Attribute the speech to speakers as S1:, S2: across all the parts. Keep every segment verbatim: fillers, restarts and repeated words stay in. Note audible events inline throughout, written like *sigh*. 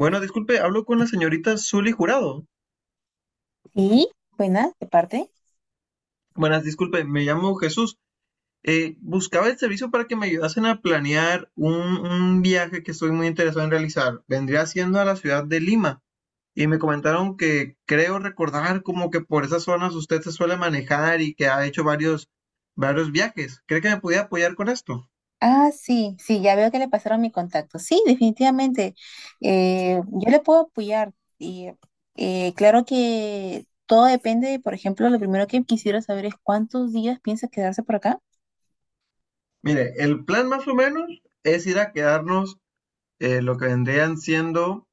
S1: Bueno, disculpe, hablo con la señorita Zully Jurado.
S2: Sí, buena, de parte.
S1: Buenas, disculpe, me llamo Jesús. Eh, buscaba el servicio para que me ayudasen a planear un, un viaje que estoy muy interesado en realizar. Vendría siendo a la ciudad de Lima y me comentaron que creo recordar como que por esas zonas usted se suele manejar y que ha hecho varios, varios viajes. ¿Cree que me podía apoyar con esto?
S2: Ah, sí, sí, ya veo que le pasaron mi contacto. Sí, definitivamente. Eh, yo le puedo apoyar. Y eh, claro que todo depende, por ejemplo, lo primero que quisiera saber es cuántos días piensa quedarse por acá.
S1: Mire, el plan más o menos es ir a quedarnos eh, lo que vendrían siendo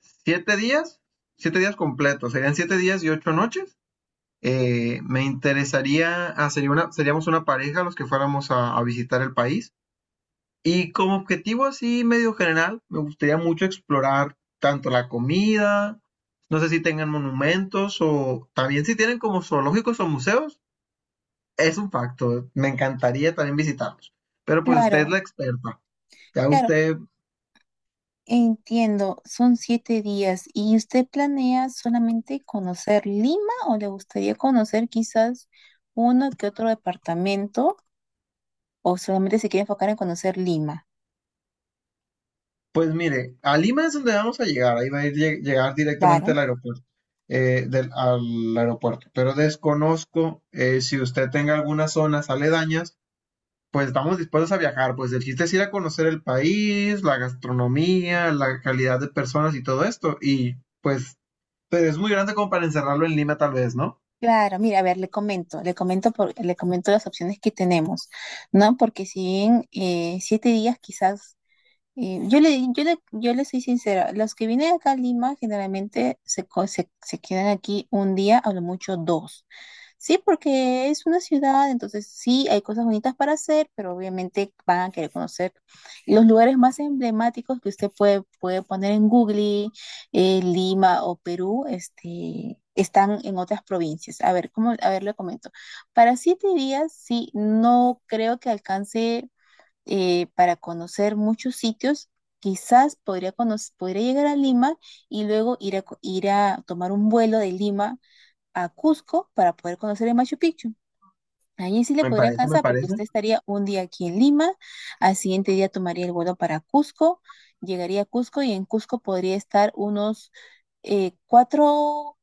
S1: siete días, siete días completos. Serían siete días y ocho noches. Eh, me interesaría, ah, sería una, Seríamos una pareja los que fuéramos a, a visitar el país. Y como objetivo así medio general, me gustaría mucho explorar tanto la comida, no sé si tengan monumentos o también si tienen como zoológicos o museos, es un facto. Me encantaría también visitarlos. Pero pues usted es
S2: Claro,
S1: la experta. Ya
S2: claro,
S1: usted...
S2: entiendo. Son siete días. ¿Y usted planea solamente conocer Lima o le gustaría conocer quizás uno que otro departamento o solamente se quiere enfocar en conocer Lima?
S1: Pues mire, a Lima es donde vamos a llegar, ahí va a ir, lle- llegar directamente
S2: Claro.
S1: al aeropuerto, eh, del, al aeropuerto, pero desconozco eh, si usted tenga algunas zonas aledañas, pues estamos dispuestos a viajar, pues el chiste es ir a conocer el país, la gastronomía, la calidad de personas y todo esto, y pues, pero es muy grande como para encerrarlo en Lima tal vez, ¿no?
S2: Claro, mira, a ver, le comento, le comento por- le comento las opciones que tenemos, ¿no? Porque si bien eh, siete días quizás y yo le, yo le, yo le soy sincera, los que vienen acá a Lima generalmente se, co- se, se quedan aquí un día, a lo mucho dos. Sí, porque es una ciudad, entonces sí, hay cosas bonitas para hacer, pero obviamente van a querer conocer los lugares más emblemáticos que usted puede, puede poner en Google, eh, Lima o Perú, este, están en otras provincias. A ver, ¿cómo? A ver, le comento. Para siete días, sí, no creo que alcance eh, para conocer muchos sitios. Quizás podría, conoc- podría llegar a Lima y luego ir a, co- ir a tomar un vuelo de Lima a Cusco para poder conocer el Machu Picchu. Allí sí le
S1: Me
S2: podría
S1: parece, me
S2: alcanzar porque
S1: parece.
S2: usted estaría un día aquí en Lima, al siguiente día tomaría el vuelo para Cusco, llegaría a Cusco y en Cusco podría estar unos eh, cuatro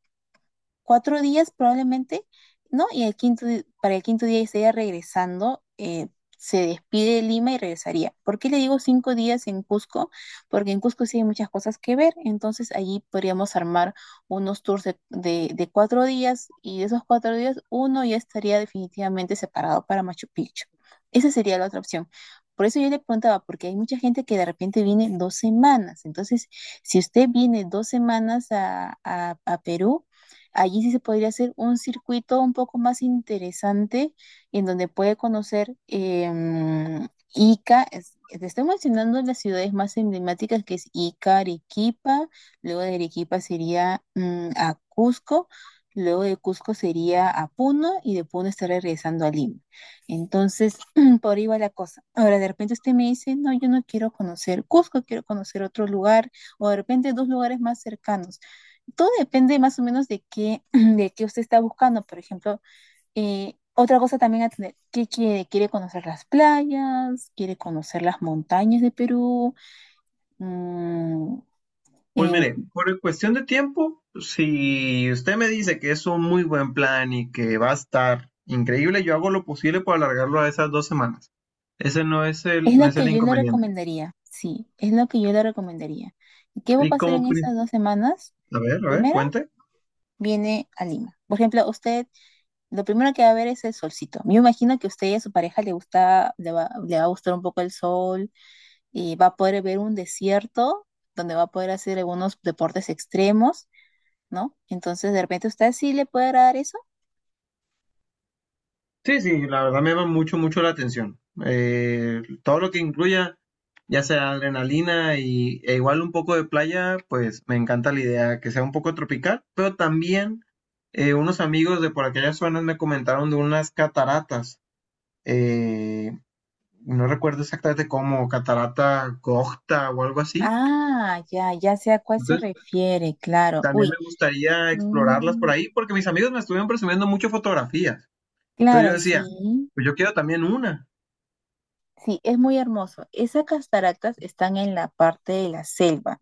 S2: cuatro días probablemente, ¿no? Y el quinto, di- para el quinto día estaría regresando, eh, se despide de Lima y regresaría. ¿Por qué le digo cinco días en Cusco? Porque en Cusco sí hay muchas cosas que ver, entonces allí podríamos armar unos tours de, de- de cuatro días y de esos cuatro días uno ya estaría definitivamente separado para Machu Picchu. Esa sería la otra opción. Por eso yo le preguntaba, porque hay mucha gente que de repente viene dos semanas. Entonces, si usted viene dos semanas a a- a Perú, allí sí se podría hacer un circuito un poco más interesante en donde puede conocer em, Ica. Es- te estoy mencionando las ciudades más emblemáticas que es Ica, Arequipa, luego de Arequipa sería mm, a Cusco, luego de Cusco sería a Puno y de Puno estaría regresando a Lima. Entonces, *clears throat* por ahí va la cosa. Ahora, de repente usted me dice, no, yo no quiero conocer Cusco, quiero conocer otro lugar, o de repente dos lugares más cercanos. Todo depende más o menos de qué, *clears throat* de qué usted está buscando. Por ejemplo, eh, otra cosa también a tener. ¿Qué quiere? ¿Quiere conocer las playas? ¿Quiere conocer las montañas de Perú? Mm,
S1: Pues
S2: eh,
S1: mire, por cuestión de tiempo, si usted me dice que es un muy buen plan y que va a estar increíble, yo hago lo posible por alargarlo a esas dos semanas. Ese no es el,
S2: es
S1: no
S2: lo
S1: es
S2: que
S1: el
S2: yo le
S1: inconveniente.
S2: recomendaría, sí, es lo que yo le recomendaría. ¿Y qué va a
S1: Y
S2: pasar
S1: como,
S2: en
S1: pri-
S2: esas dos semanas?
S1: a ver, a ver,
S2: Primero,
S1: cuente.
S2: viene a Lima. Por ejemplo, usted, lo primero que va a ver es el solcito. Yo imagino que a usted y a su pareja le gusta, le va, le va a gustar un poco el sol y va a poder ver un desierto donde va a poder hacer algunos deportes extremos, ¿no? Entonces, de repente, ¿usted sí le puede agradar eso?
S1: Sí, sí, la verdad me llama mucho, mucho la atención. Eh, todo lo que incluya, ya sea adrenalina y, e igual un poco de playa, pues me encanta la idea que sea un poco tropical, pero también eh, unos amigos de por aquellas zonas me comentaron de unas cataratas, eh, no recuerdo exactamente cómo, catarata Gocta o algo así.
S2: Ah, ya, ya sé a cuál se
S1: Entonces,
S2: refiere, claro. Uy,
S1: también me gustaría explorarlas
S2: mm,
S1: por ahí, porque mis amigos me estuvieron presumiendo mucho fotografías. Entonces yo
S2: claro,
S1: decía,
S2: sí,
S1: pues yo quiero también una.
S2: sí, es muy hermoso. Esas cataratas están en la parte de la selva.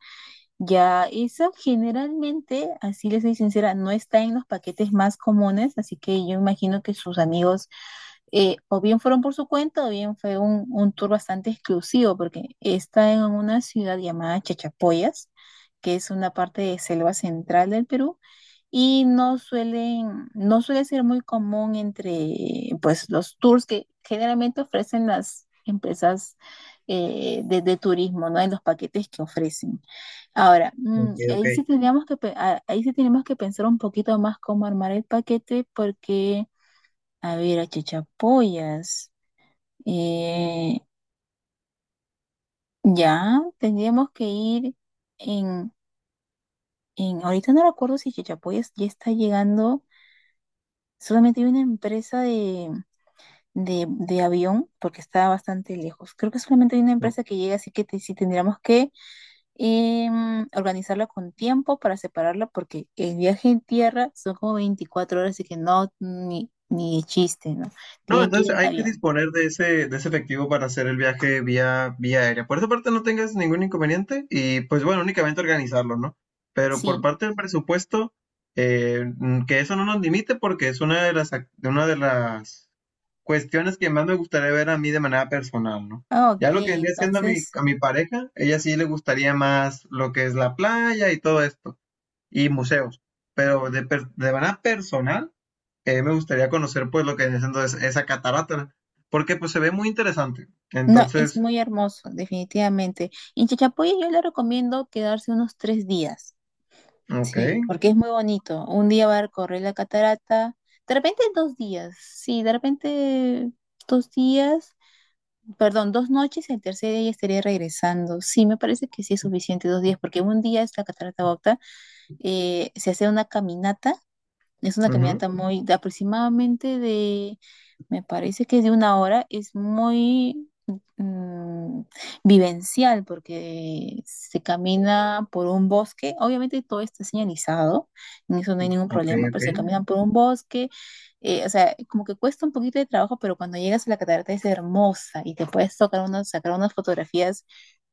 S2: Ya, eso generalmente, así les soy sincera, no está en los paquetes más comunes, así que yo imagino que sus amigos eh, o bien fueron por su cuenta o bien fue un, un tour bastante exclusivo, porque está en una ciudad llamada Chachapoyas, que es una parte de selva central del Perú, y no suelen, no suele ser muy común entre pues los tours que generalmente ofrecen las empresas eh, de, de turismo, ¿no? En los paquetes que ofrecen. Ahora, mm,
S1: Ok, ok.
S2: ahí sí tendríamos que, pe- a- ahí sí tenemos que pensar un poquito más cómo armar el paquete porque, a ver, a Chichapoyas eh, ya tendríamos que ir en, en, ahorita no recuerdo si Chichapoyas ya está llegando, solamente hay una empresa de de, de avión porque está bastante lejos. Creo que solamente hay una empresa que llega, así que te- sí tendríamos que em, organizarla con tiempo para separarla porque el viaje en tierra son como veinticuatro horas, así que no, ni, ni de chiste, ¿no?
S1: No,
S2: Tiene que ir
S1: entonces
S2: en
S1: hay que
S2: avión.
S1: disponer de ese, de ese efectivo para hacer el viaje vía, vía aérea. Por esa parte no tengas ningún inconveniente y pues bueno, únicamente organizarlo, ¿no? Pero por
S2: Sí.
S1: parte del presupuesto, eh, mm, que eso no nos limite porque es una de las, ac- una de las cuestiones que más me gustaría ver a mí de manera personal, ¿no?
S2: Ah, OK,
S1: Ya lo que vendría siendo a mi,
S2: entonces,
S1: a mi pareja, ella sí le gustaría más lo que es la playa y todo esto, y museos. Pero de, per- de manera personal, eh, me gustaría conocer pues lo que viene siendo es- esa catarata, porque pues se ve muy interesante.
S2: no, es
S1: Entonces,
S2: muy hermoso, definitivamente. En Chachapoya yo le recomiendo quedarse unos tres días.
S1: ok,
S2: Sí, porque es muy bonito. Un día va a recorrer la catarata, de repente dos días, sí, de repente dos días, perdón, dos noches, el tercer día ya estaría regresando. Sí, me parece que sí es suficiente dos días, porque un día es la catarata Bogta, eh, se hace una caminata, es una
S1: ujú,
S2: caminata muy de aproximadamente de me parece que de una hora. Es muy mm, vivencial porque se camina por un bosque. Obviamente todo está señalizado, en eso no hay ningún
S1: ok,
S2: problema, pero se
S1: ok.
S2: caminan por un bosque. Eh, o sea, como que cuesta un poquito de trabajo, pero cuando llegas a la catarata es hermosa y te puedes tocar unas, sacar unas fotografías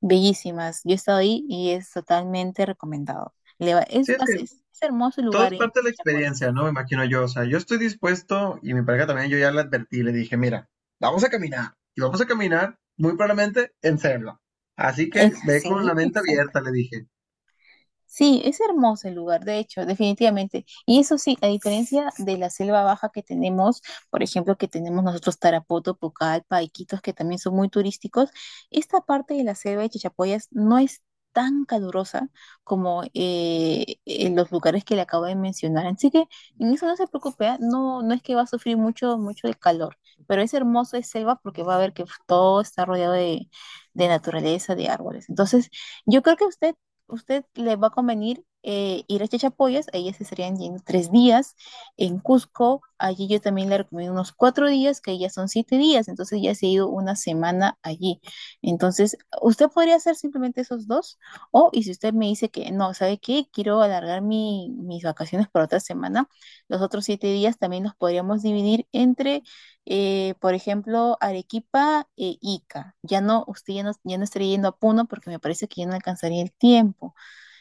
S2: bellísimas. Yo he estado ahí y es totalmente recomendado. Le va-
S1: Sí,
S2: es,
S1: es
S2: más,
S1: que
S2: es, es hermoso el
S1: todo
S2: lugar
S1: es
S2: en
S1: parte de la
S2: Chachapoyas.
S1: experiencia, ¿no? Me imagino yo, o sea, yo estoy dispuesto y mi pareja también, yo ya le advertí, le dije, mira, vamos a caminar y vamos a caminar muy probablemente en selva. Así
S2: Eh,
S1: que ve con
S2: sí,
S1: la mente abierta, le dije.
S2: sí, es hermoso el lugar, de hecho, definitivamente. Y eso sí, a diferencia de la selva baja que tenemos, por ejemplo, que tenemos nosotros Tarapoto, Pucallpa, Iquitos, que también son muy turísticos, esta parte de la selva de Chachapoyas no es tan calurosa como eh, en los lugares que le acabo de mencionar. Así que en eso no se preocupe, ¿ah? No, no es que va a sufrir mucho, mucho de calor, pero es hermoso, es selva porque va a ver que todo está rodeado de, de naturaleza, de árboles. Entonces, yo creo que usted usted le va a convenir eh, ir a Chachapoyas, ahí se estarían yendo tres días. En Cusco, allí yo también le recomiendo unos cuatro días, que ya son siete días, entonces ya se ha ido una semana allí. Entonces, usted podría hacer simplemente esos dos, o y si usted me dice que no, ¿sabe qué? Quiero alargar mi- mis vacaciones por otra semana, los otros siete días también los podríamos dividir entre, eh, por ejemplo, Arequipa e Ica. Ya no, usted ya no, ya no estaría yendo a Puno porque me parece que ya no alcanzaría el tiempo.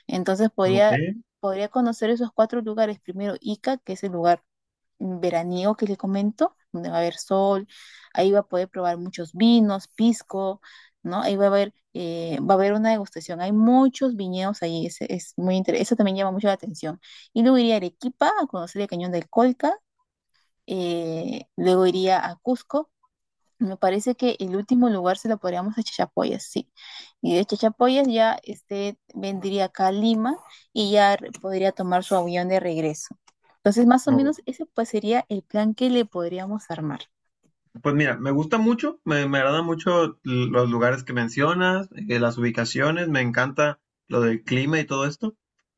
S2: Entonces
S1: Ok.
S2: podría, podría conocer esos cuatro lugares. Primero Ica, que es el lugar veraniego que le comento, donde va a haber sol, ahí va a poder probar muchos vinos, pisco, ¿no? Ahí va a haber, eh, va a haber una degustación. Hay muchos viñedos ahí, es, es muy interesante, eso también llama mucho la atención. Y luego iría a Arequipa a conocer el Cañón del Colca, eh, luego iría a Cusco. Me parece que el último lugar se lo podríamos a Chachapoyas, sí. Y de Chachapoyas ya este vendría acá a Lima y ya re- podría tomar su avión de regreso. Entonces, más o
S1: Oh,
S2: menos ese pues sería el plan que le podríamos armar.
S1: pues mira, me gusta mucho, me, me agrada mucho l- los lugares que mencionas, eh, las ubicaciones, me encanta lo del clima y todo esto.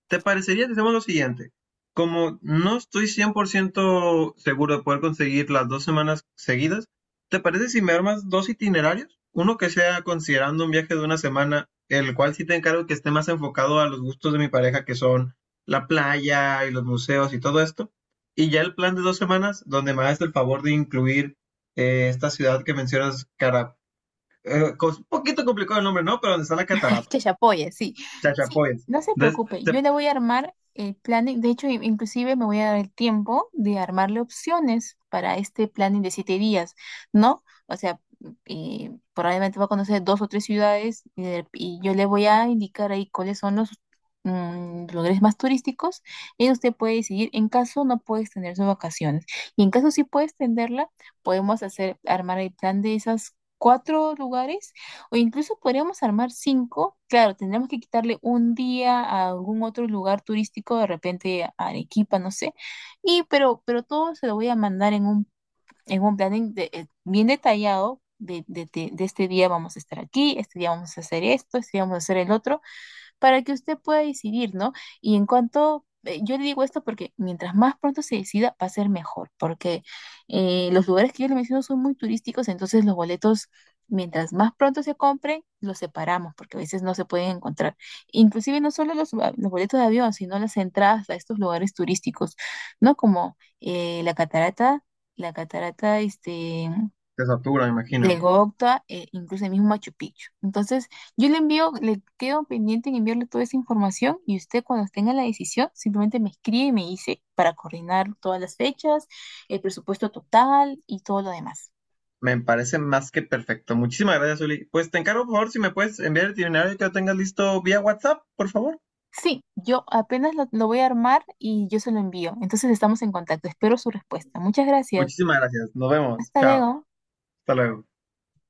S1: ¿Te parecería que hacemos lo siguiente? Como no estoy cien por ciento seguro de poder conseguir las dos semanas seguidas, ¿te parece si me armas dos itinerarios? Uno que sea considerando un viaje de una semana, el cual sí te encargo que esté más enfocado a los gustos de mi pareja, que son la playa y los museos y todo esto. Y ya el plan de dos semanas, donde me hagas el favor de incluir eh, esta ciudad que mencionas, cara, eh, cos- un poquito complicado el nombre, ¿no? Pero donde está la
S2: *laughs*
S1: catarata,
S2: Que se apoye, sí. Sí,
S1: Chachapoyas.
S2: no se
S1: Entonces,
S2: preocupe,
S1: te,
S2: yo le voy a armar el planning, de hecho, in- inclusive me voy a dar el tiempo de armarle opciones para este planning de siete días, ¿no? O sea, eh, probablemente va a conocer dos o tres ciudades y, de- y yo le voy a indicar ahí cuáles son los mm, lugares más turísticos y usted puede decidir, en caso no puede extender sus vacaciones y en caso sí puede extenderla, podemos hacer, armar el plan de esas cuatro lugares o incluso podríamos armar cinco. Claro, tendríamos que quitarle un día a algún otro lugar turístico, de repente a Arequipa, no sé. Y pero, pero todo se lo voy a mandar en un, en un, planning de- eh, bien detallado de, de- de- de este día vamos a estar aquí, este día vamos a hacer esto, este día vamos a hacer el otro para que usted pueda decidir, ¿no? Y en cuanto, eh, yo le digo esto porque mientras más pronto se decida, va a ser mejor, porque eh, los lugares que yo le menciono son muy turísticos, entonces los boletos, mientras más pronto se compren, los separamos, porque a veces no se pueden encontrar. Inclusive no solo los, ah, los boletos de avión, sino las entradas a estos lugares turísticos, ¿no? Como eh, la catarata la catarata este,
S1: te satura, me imagino,
S2: de
S1: ¿no?
S2: Gocta, e incluso el mismo Machu Picchu. Entonces, yo le envío, le quedo pendiente en enviarle toda esa información y usted cuando tenga la decisión simplemente me escribe y me dice para coordinar todas las fechas, el presupuesto total y todo lo demás.
S1: Me parece más que perfecto. Muchísimas gracias, Uli. Pues te encargo, por favor, si me puedes enviar el itinerario que lo tengas listo vía WhatsApp, por favor.
S2: Sí, yo apenas lo, lo voy a armar y yo se lo envío. Entonces estamos en contacto. Espero su respuesta. Muchas gracias.
S1: Muchísimas gracias. Nos vemos.
S2: Hasta
S1: Chao.
S2: luego.
S1: Hasta luego.